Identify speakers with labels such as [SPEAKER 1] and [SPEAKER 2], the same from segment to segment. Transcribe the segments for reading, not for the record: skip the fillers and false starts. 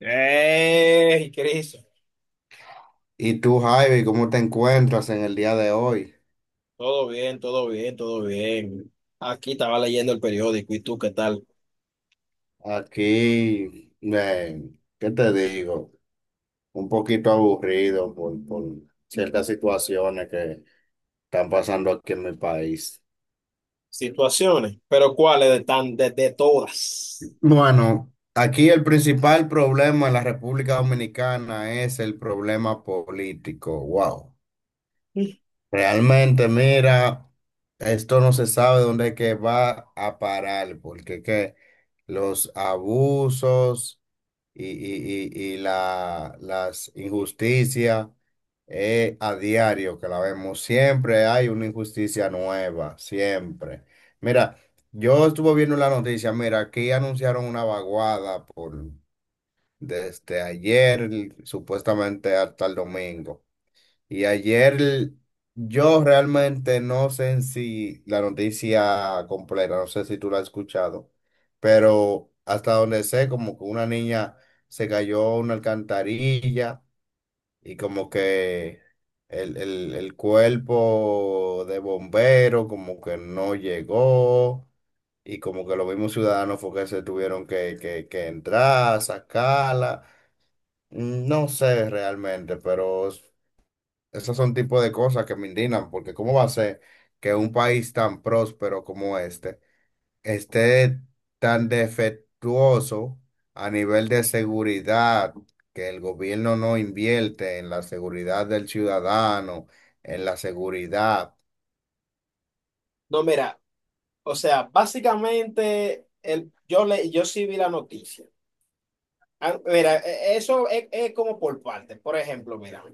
[SPEAKER 1] ¡Ey, Cris!
[SPEAKER 2] ¿Y tú, Javi, cómo te encuentras en el día de hoy?
[SPEAKER 1] Todo bien, todo bien, todo bien. Aquí estaba leyendo el periódico, ¿y tú qué tal?
[SPEAKER 2] Aquí, ¿qué te digo? Un poquito aburrido por ciertas situaciones que están pasando aquí en mi país.
[SPEAKER 1] Situaciones, pero ¿cuáles de todas?
[SPEAKER 2] Bueno, aquí el principal problema en la República Dominicana es el problema político. Wow. Realmente, mira, esto no se sabe dónde es que va a parar, porque que los abusos las injusticias a diario que la vemos. Siempre hay una injusticia nueva, siempre. Mira, yo estuve viendo la noticia, mira, aquí anunciaron una vaguada por desde ayer, supuestamente hasta el domingo. Y ayer yo realmente no sé si la noticia completa, no sé si tú la has escuchado, pero hasta donde sé, como que una niña se cayó a una alcantarilla y como que el cuerpo de bombero como que no llegó y como que los mismos ciudadanos fue que se tuvieron que entrar, sacarla. No sé realmente, pero esos son tipos de cosas que me indignan, porque ¿cómo va a ser que un país tan próspero como este esté tan defectuoso a nivel de seguridad, que el gobierno no invierte en la seguridad del ciudadano, en la seguridad?
[SPEAKER 1] No, mira, o sea, básicamente yo sí vi la noticia. Ah, mira, eso es como por partes. Por ejemplo, mira,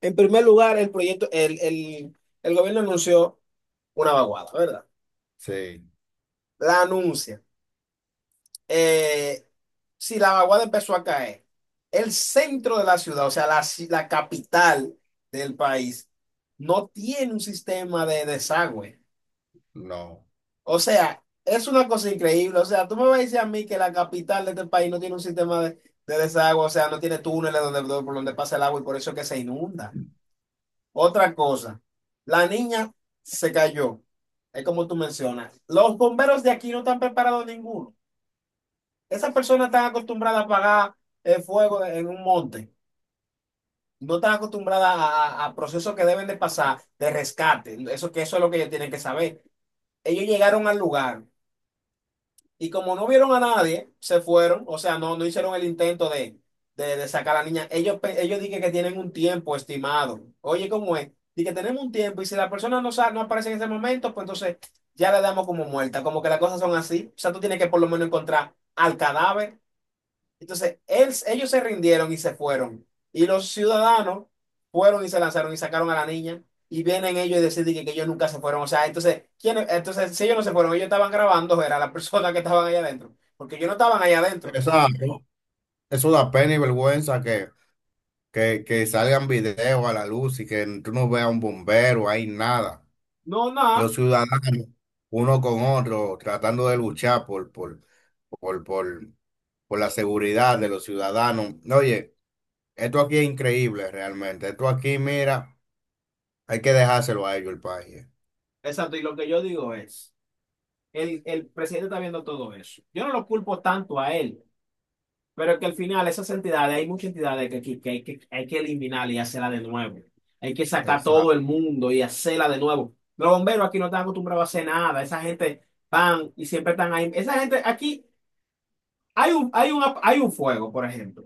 [SPEAKER 1] en primer lugar, el proyecto, el gobierno anunció una vaguada, ¿verdad?
[SPEAKER 2] Sí,
[SPEAKER 1] La anuncia. eh, si la vaguada empezó a caer, el centro de la ciudad, o sea, la capital del país no tiene un sistema de desagüe.
[SPEAKER 2] no.
[SPEAKER 1] O sea, es una cosa increíble. O sea, tú me vas a decir a mí que la capital de este país no tiene un sistema de desagüe, o sea, no tiene túneles por donde pasa el agua y por eso es que se inunda. Otra cosa, la niña se cayó. Es como tú mencionas. Los bomberos de aquí no están preparados ninguno. Esas personas están acostumbradas a apagar el fuego en un monte. No están acostumbradas a procesos que deben de pasar de rescate. Eso que eso es lo que ellos tienen que saber. Ellos llegaron al lugar y como no vieron a nadie, se fueron. O sea, no, no hicieron el intento de sacar a la niña. Ellos dicen que tienen un tiempo estimado. Oye, ¿cómo es? Dicen que tenemos un tiempo y si la persona no aparece en ese momento, pues entonces ya la damos como muerta. Como que las cosas son así. O sea, tú tienes que por lo menos encontrar al cadáver. Entonces, ellos se rindieron y se fueron. Y los ciudadanos fueron y se lanzaron y sacaron a la niña. Y vienen ellos y deciden que ellos nunca se fueron. O sea, entonces, ¿quién? Entonces, si ellos no se fueron, ellos estaban grabando, era la persona que estaban allá adentro, porque ellos no estaban allá adentro.
[SPEAKER 2] Exacto. Eso da pena y vergüenza que, que salgan videos a la luz y que tú no veas un bombero, hay nada.
[SPEAKER 1] No, nada.
[SPEAKER 2] Los ciudadanos uno con otro, tratando de luchar por, por, por la seguridad de los ciudadanos. Oye, esto aquí es increíble realmente. Esto aquí, mira, hay que dejárselo a ellos el país.
[SPEAKER 1] Exacto. Y lo que yo digo es, el presidente está viendo todo eso. Yo no lo culpo tanto a él. Pero que al final esas entidades, hay muchas entidades que hay hay que eliminar y hacerla de nuevo. Hay que sacar todo el
[SPEAKER 2] Exacto.
[SPEAKER 1] mundo y hacerla de nuevo. Los bomberos aquí no están acostumbrados a hacer nada. Esa gente van y siempre están ahí. Esa gente aquí, hay un fuego, por ejemplo.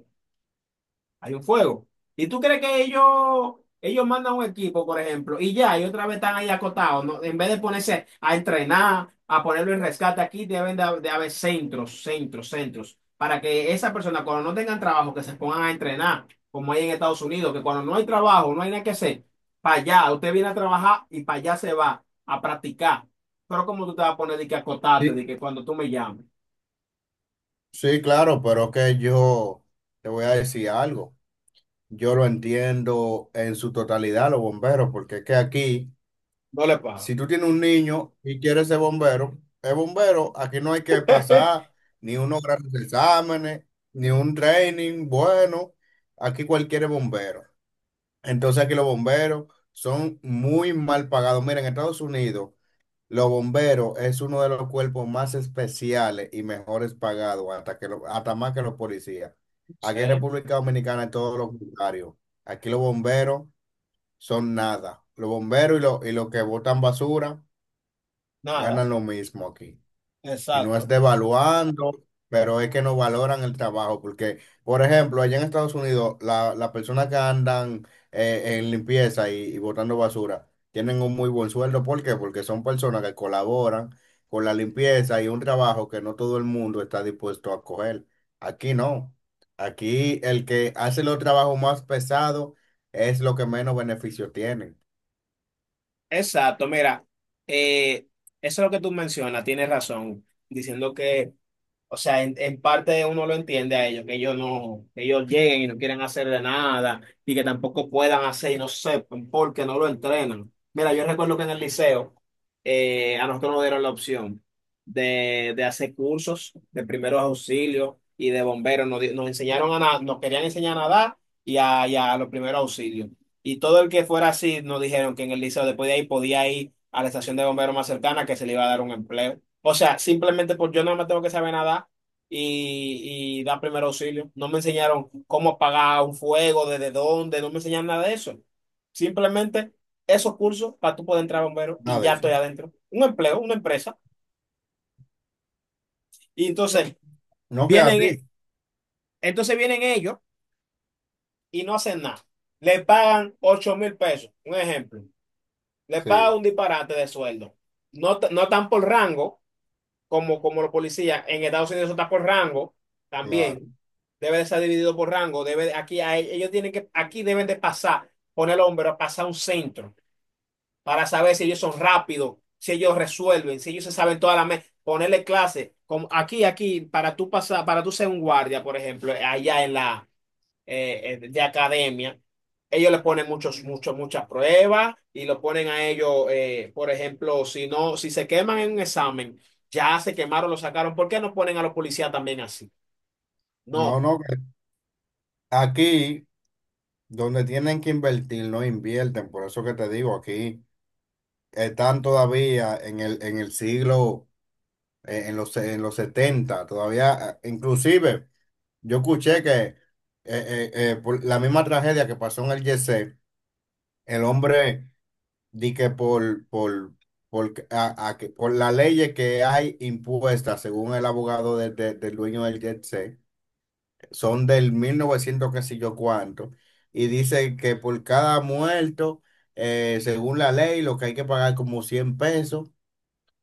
[SPEAKER 1] Hay un fuego. ¿Y tú crees que ellos mandan un equipo, por ejemplo, y ya, y otra vez están ahí acotados, ¿no? En vez de ponerse a entrenar, a ponerlo en rescate aquí, deben de haber centros, para que esas personas, cuando no tengan trabajo, que se pongan a entrenar, como hay en Estados Unidos, que cuando no hay trabajo, no hay nada que hacer, para allá, usted viene a trabajar y para allá se va a practicar. Pero como tú te vas a poner de que acotarte, de
[SPEAKER 2] Sí,
[SPEAKER 1] que cuando tú me llames,
[SPEAKER 2] sí, claro, pero que yo te voy a decir algo. Yo lo entiendo en su totalidad, los bomberos, porque es que aquí,
[SPEAKER 1] no le
[SPEAKER 2] si
[SPEAKER 1] pago.
[SPEAKER 2] tú tienes un niño y quieres ser bombero, es bombero, aquí no hay que pasar ni unos grandes exámenes, ni un training, bueno, aquí cualquiera es bombero. Entonces aquí los bomberos son muy mal pagados. Mira, en Estados Unidos, los bomberos es uno de los cuerpos más especiales y mejores pagados, hasta más que los policías.
[SPEAKER 1] No
[SPEAKER 2] Aquí en
[SPEAKER 1] sé,
[SPEAKER 2] República Dominicana es todo lo contrario. Aquí los bomberos son nada. Los bomberos y los que botan basura
[SPEAKER 1] nada,
[SPEAKER 2] ganan lo mismo aquí. Y no es
[SPEAKER 1] exacto.
[SPEAKER 2] devaluando, pero es que no valoran el trabajo, porque, por ejemplo, allá en Estados Unidos, las personas que andan en limpieza y botando basura tienen un muy buen sueldo. ¿Por qué? Porque son personas que colaboran con la limpieza y un trabajo que no todo el mundo está dispuesto a coger. Aquí no. Aquí el que hace los trabajos más pesados es lo que menos beneficio tiene.
[SPEAKER 1] Exacto, mira, eh, eso es lo que tú mencionas, tienes razón, diciendo que o sea, en parte uno lo entiende a ellos, que ellos no, que ellos lleguen y no quieren hacerle nada, y que tampoco puedan hacer y no sepan porque no lo entrenan. Mira, yo recuerdo que en el liceo a nosotros nos dieron la opción de hacer cursos de primeros auxilios y de bomberos. Nos enseñaron a nadar, nos querían enseñar a nadar y a los primeros auxilios. Y todo el que fuera así nos dijeron que en el liceo después de ahí podía ir a la estación de bomberos más cercana que se le iba a dar un empleo. O sea, simplemente por yo no me tengo que saber nadar y dar primer auxilio. No me enseñaron cómo apagar un fuego, desde dónde, no me enseñaron nada de eso. Simplemente esos cursos para tú poder entrar bombero y
[SPEAKER 2] Nada de
[SPEAKER 1] ya estoy
[SPEAKER 2] eso.
[SPEAKER 1] adentro. Un empleo, una empresa. Y entonces
[SPEAKER 2] No que
[SPEAKER 1] vienen,
[SPEAKER 2] así.
[SPEAKER 1] e- entonces vienen ellos y no hacen nada. Le pagan 8000 pesos, un ejemplo. Le pagan
[SPEAKER 2] Sí,
[SPEAKER 1] un disparate de sueldo. No, no tan por rango como los policías. En Estados Unidos eso está por rango también.
[SPEAKER 2] claro.
[SPEAKER 1] Debe de ser dividido por rango. Aquí, ellos tienen que, aquí deben de pasar, poner el hombro, pasar un centro para saber si ellos son rápidos, si ellos resuelven, si ellos se saben toda la mesa. Ponerle clase. Como aquí, aquí, para tú pasar, para tú ser un guardia, por ejemplo, allá en la de academia, ellos le ponen muchas pruebas y lo ponen a ellos, por ejemplo, si no, si se queman en un examen, ya se quemaron, lo sacaron. ¿Por qué no ponen a los policías también así?
[SPEAKER 2] No,
[SPEAKER 1] No.
[SPEAKER 2] no. Aquí, donde tienen que invertir, no invierten. Por eso que te digo, aquí están todavía en el siglo, en los 70 todavía, inclusive, yo escuché que por la misma tragedia que pasó en el Yese, el hombre di que por, que- a que- por las leyes que hay impuestas, según el abogado del dueño del Yese, son del 1900 qué sé yo cuánto, y dice que por cada muerto, según la ley, lo que hay que pagar como 100 pesos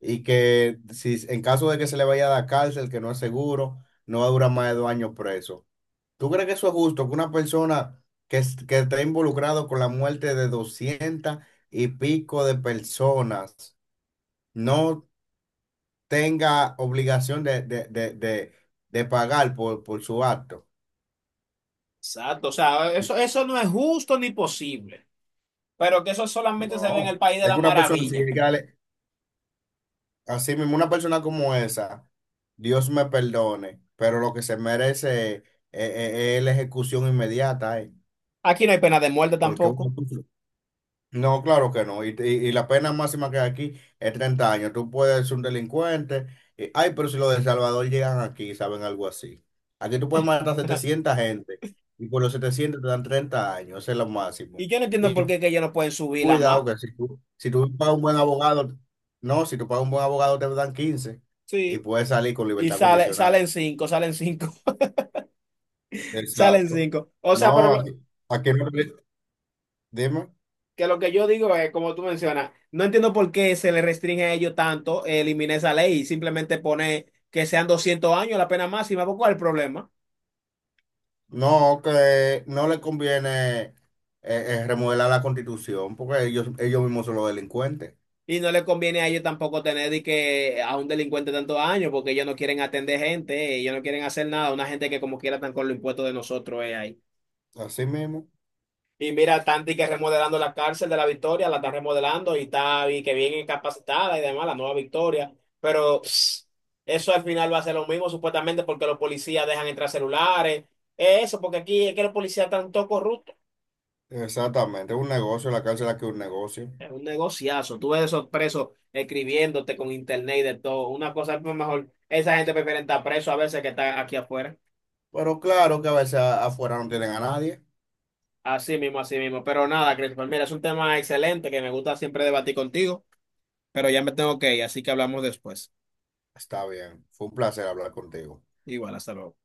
[SPEAKER 2] y que si en caso de que se le vaya a dar cárcel, que no es seguro, no va a durar más de 2 años preso. ¿Tú crees que eso es justo? Que una persona que está involucrado con la muerte de 200 y pico de personas no tenga obligación de pagar por su acto.
[SPEAKER 1] Exacto, o sea, eso no es justo ni posible, pero que eso solamente se ve en el
[SPEAKER 2] No,
[SPEAKER 1] país de
[SPEAKER 2] es que
[SPEAKER 1] la
[SPEAKER 2] una persona así,
[SPEAKER 1] maravilla.
[SPEAKER 2] así mismo, una persona como esa, Dios me perdone, pero lo que se merece es- es la ejecución inmediata.
[SPEAKER 1] Aquí no hay pena de muerte
[SPEAKER 2] Porque
[SPEAKER 1] tampoco.
[SPEAKER 2] uno- no, claro que no. Y la pena máxima que hay aquí es 30 años. Tú puedes ser un delincuente. Ay, pero si los de El Salvador llegan aquí, y saben algo así. Aquí tú puedes matar 700 gente y por los 700 te dan 30 años. Ese es lo máximo.
[SPEAKER 1] Y yo no entiendo
[SPEAKER 2] Y
[SPEAKER 1] por qué que ellos no pueden subirla más.
[SPEAKER 2] cuidado que si tú pagas un buen abogado, no, si tú pagas un buen abogado te dan 15 y
[SPEAKER 1] Sí.
[SPEAKER 2] puedes salir con
[SPEAKER 1] Y
[SPEAKER 2] libertad
[SPEAKER 1] sale,
[SPEAKER 2] condicional.
[SPEAKER 1] salen cinco, salen
[SPEAKER 2] Exacto.
[SPEAKER 1] cinco. O sea, pero
[SPEAKER 2] No, aquí aquí dime.
[SPEAKER 1] lo que yo digo es, como tú mencionas, no entiendo por qué se le restringe a ellos tanto eliminar esa ley y simplemente poner que sean 200 años la pena máxima. ¿Cuál es el problema?
[SPEAKER 2] No, que no le conviene remodelar la constitución porque ellos mismos son los delincuentes.
[SPEAKER 1] Y no le conviene a ellos tampoco tener de que a un delincuente tantos años, porque ellos no quieren atender gente, ellos no quieren hacer nada, una gente que como quiera están con los impuestos de nosotros ahí.
[SPEAKER 2] Así mismo.
[SPEAKER 1] Y mira, Tanti que remodelando la cárcel de la Victoria, la está remodelando y está y que bien capacitada y demás, la nueva Victoria. Pero pss, eso al final va a ser lo mismo, supuestamente, porque los policías dejan entrar celulares. Eso, porque aquí es que los policías están todos corruptos.
[SPEAKER 2] Exactamente. Es un negocio, la cárcel aquí es un negocio.
[SPEAKER 1] Es un negociazo. Tú ves esos presos escribiéndote con internet y de todo. Una cosa pues, mejor. Esa gente prefiere estar preso a veces que estar aquí afuera.
[SPEAKER 2] Pero claro que a veces afuera no tienen a nadie.
[SPEAKER 1] Así mismo, así mismo. Pero nada, Christopher, mira, es un tema excelente que me gusta siempre debatir contigo, pero ya me tengo que ir, así que hablamos después.
[SPEAKER 2] Está bien. Fue un placer hablar contigo.
[SPEAKER 1] Igual, hasta luego.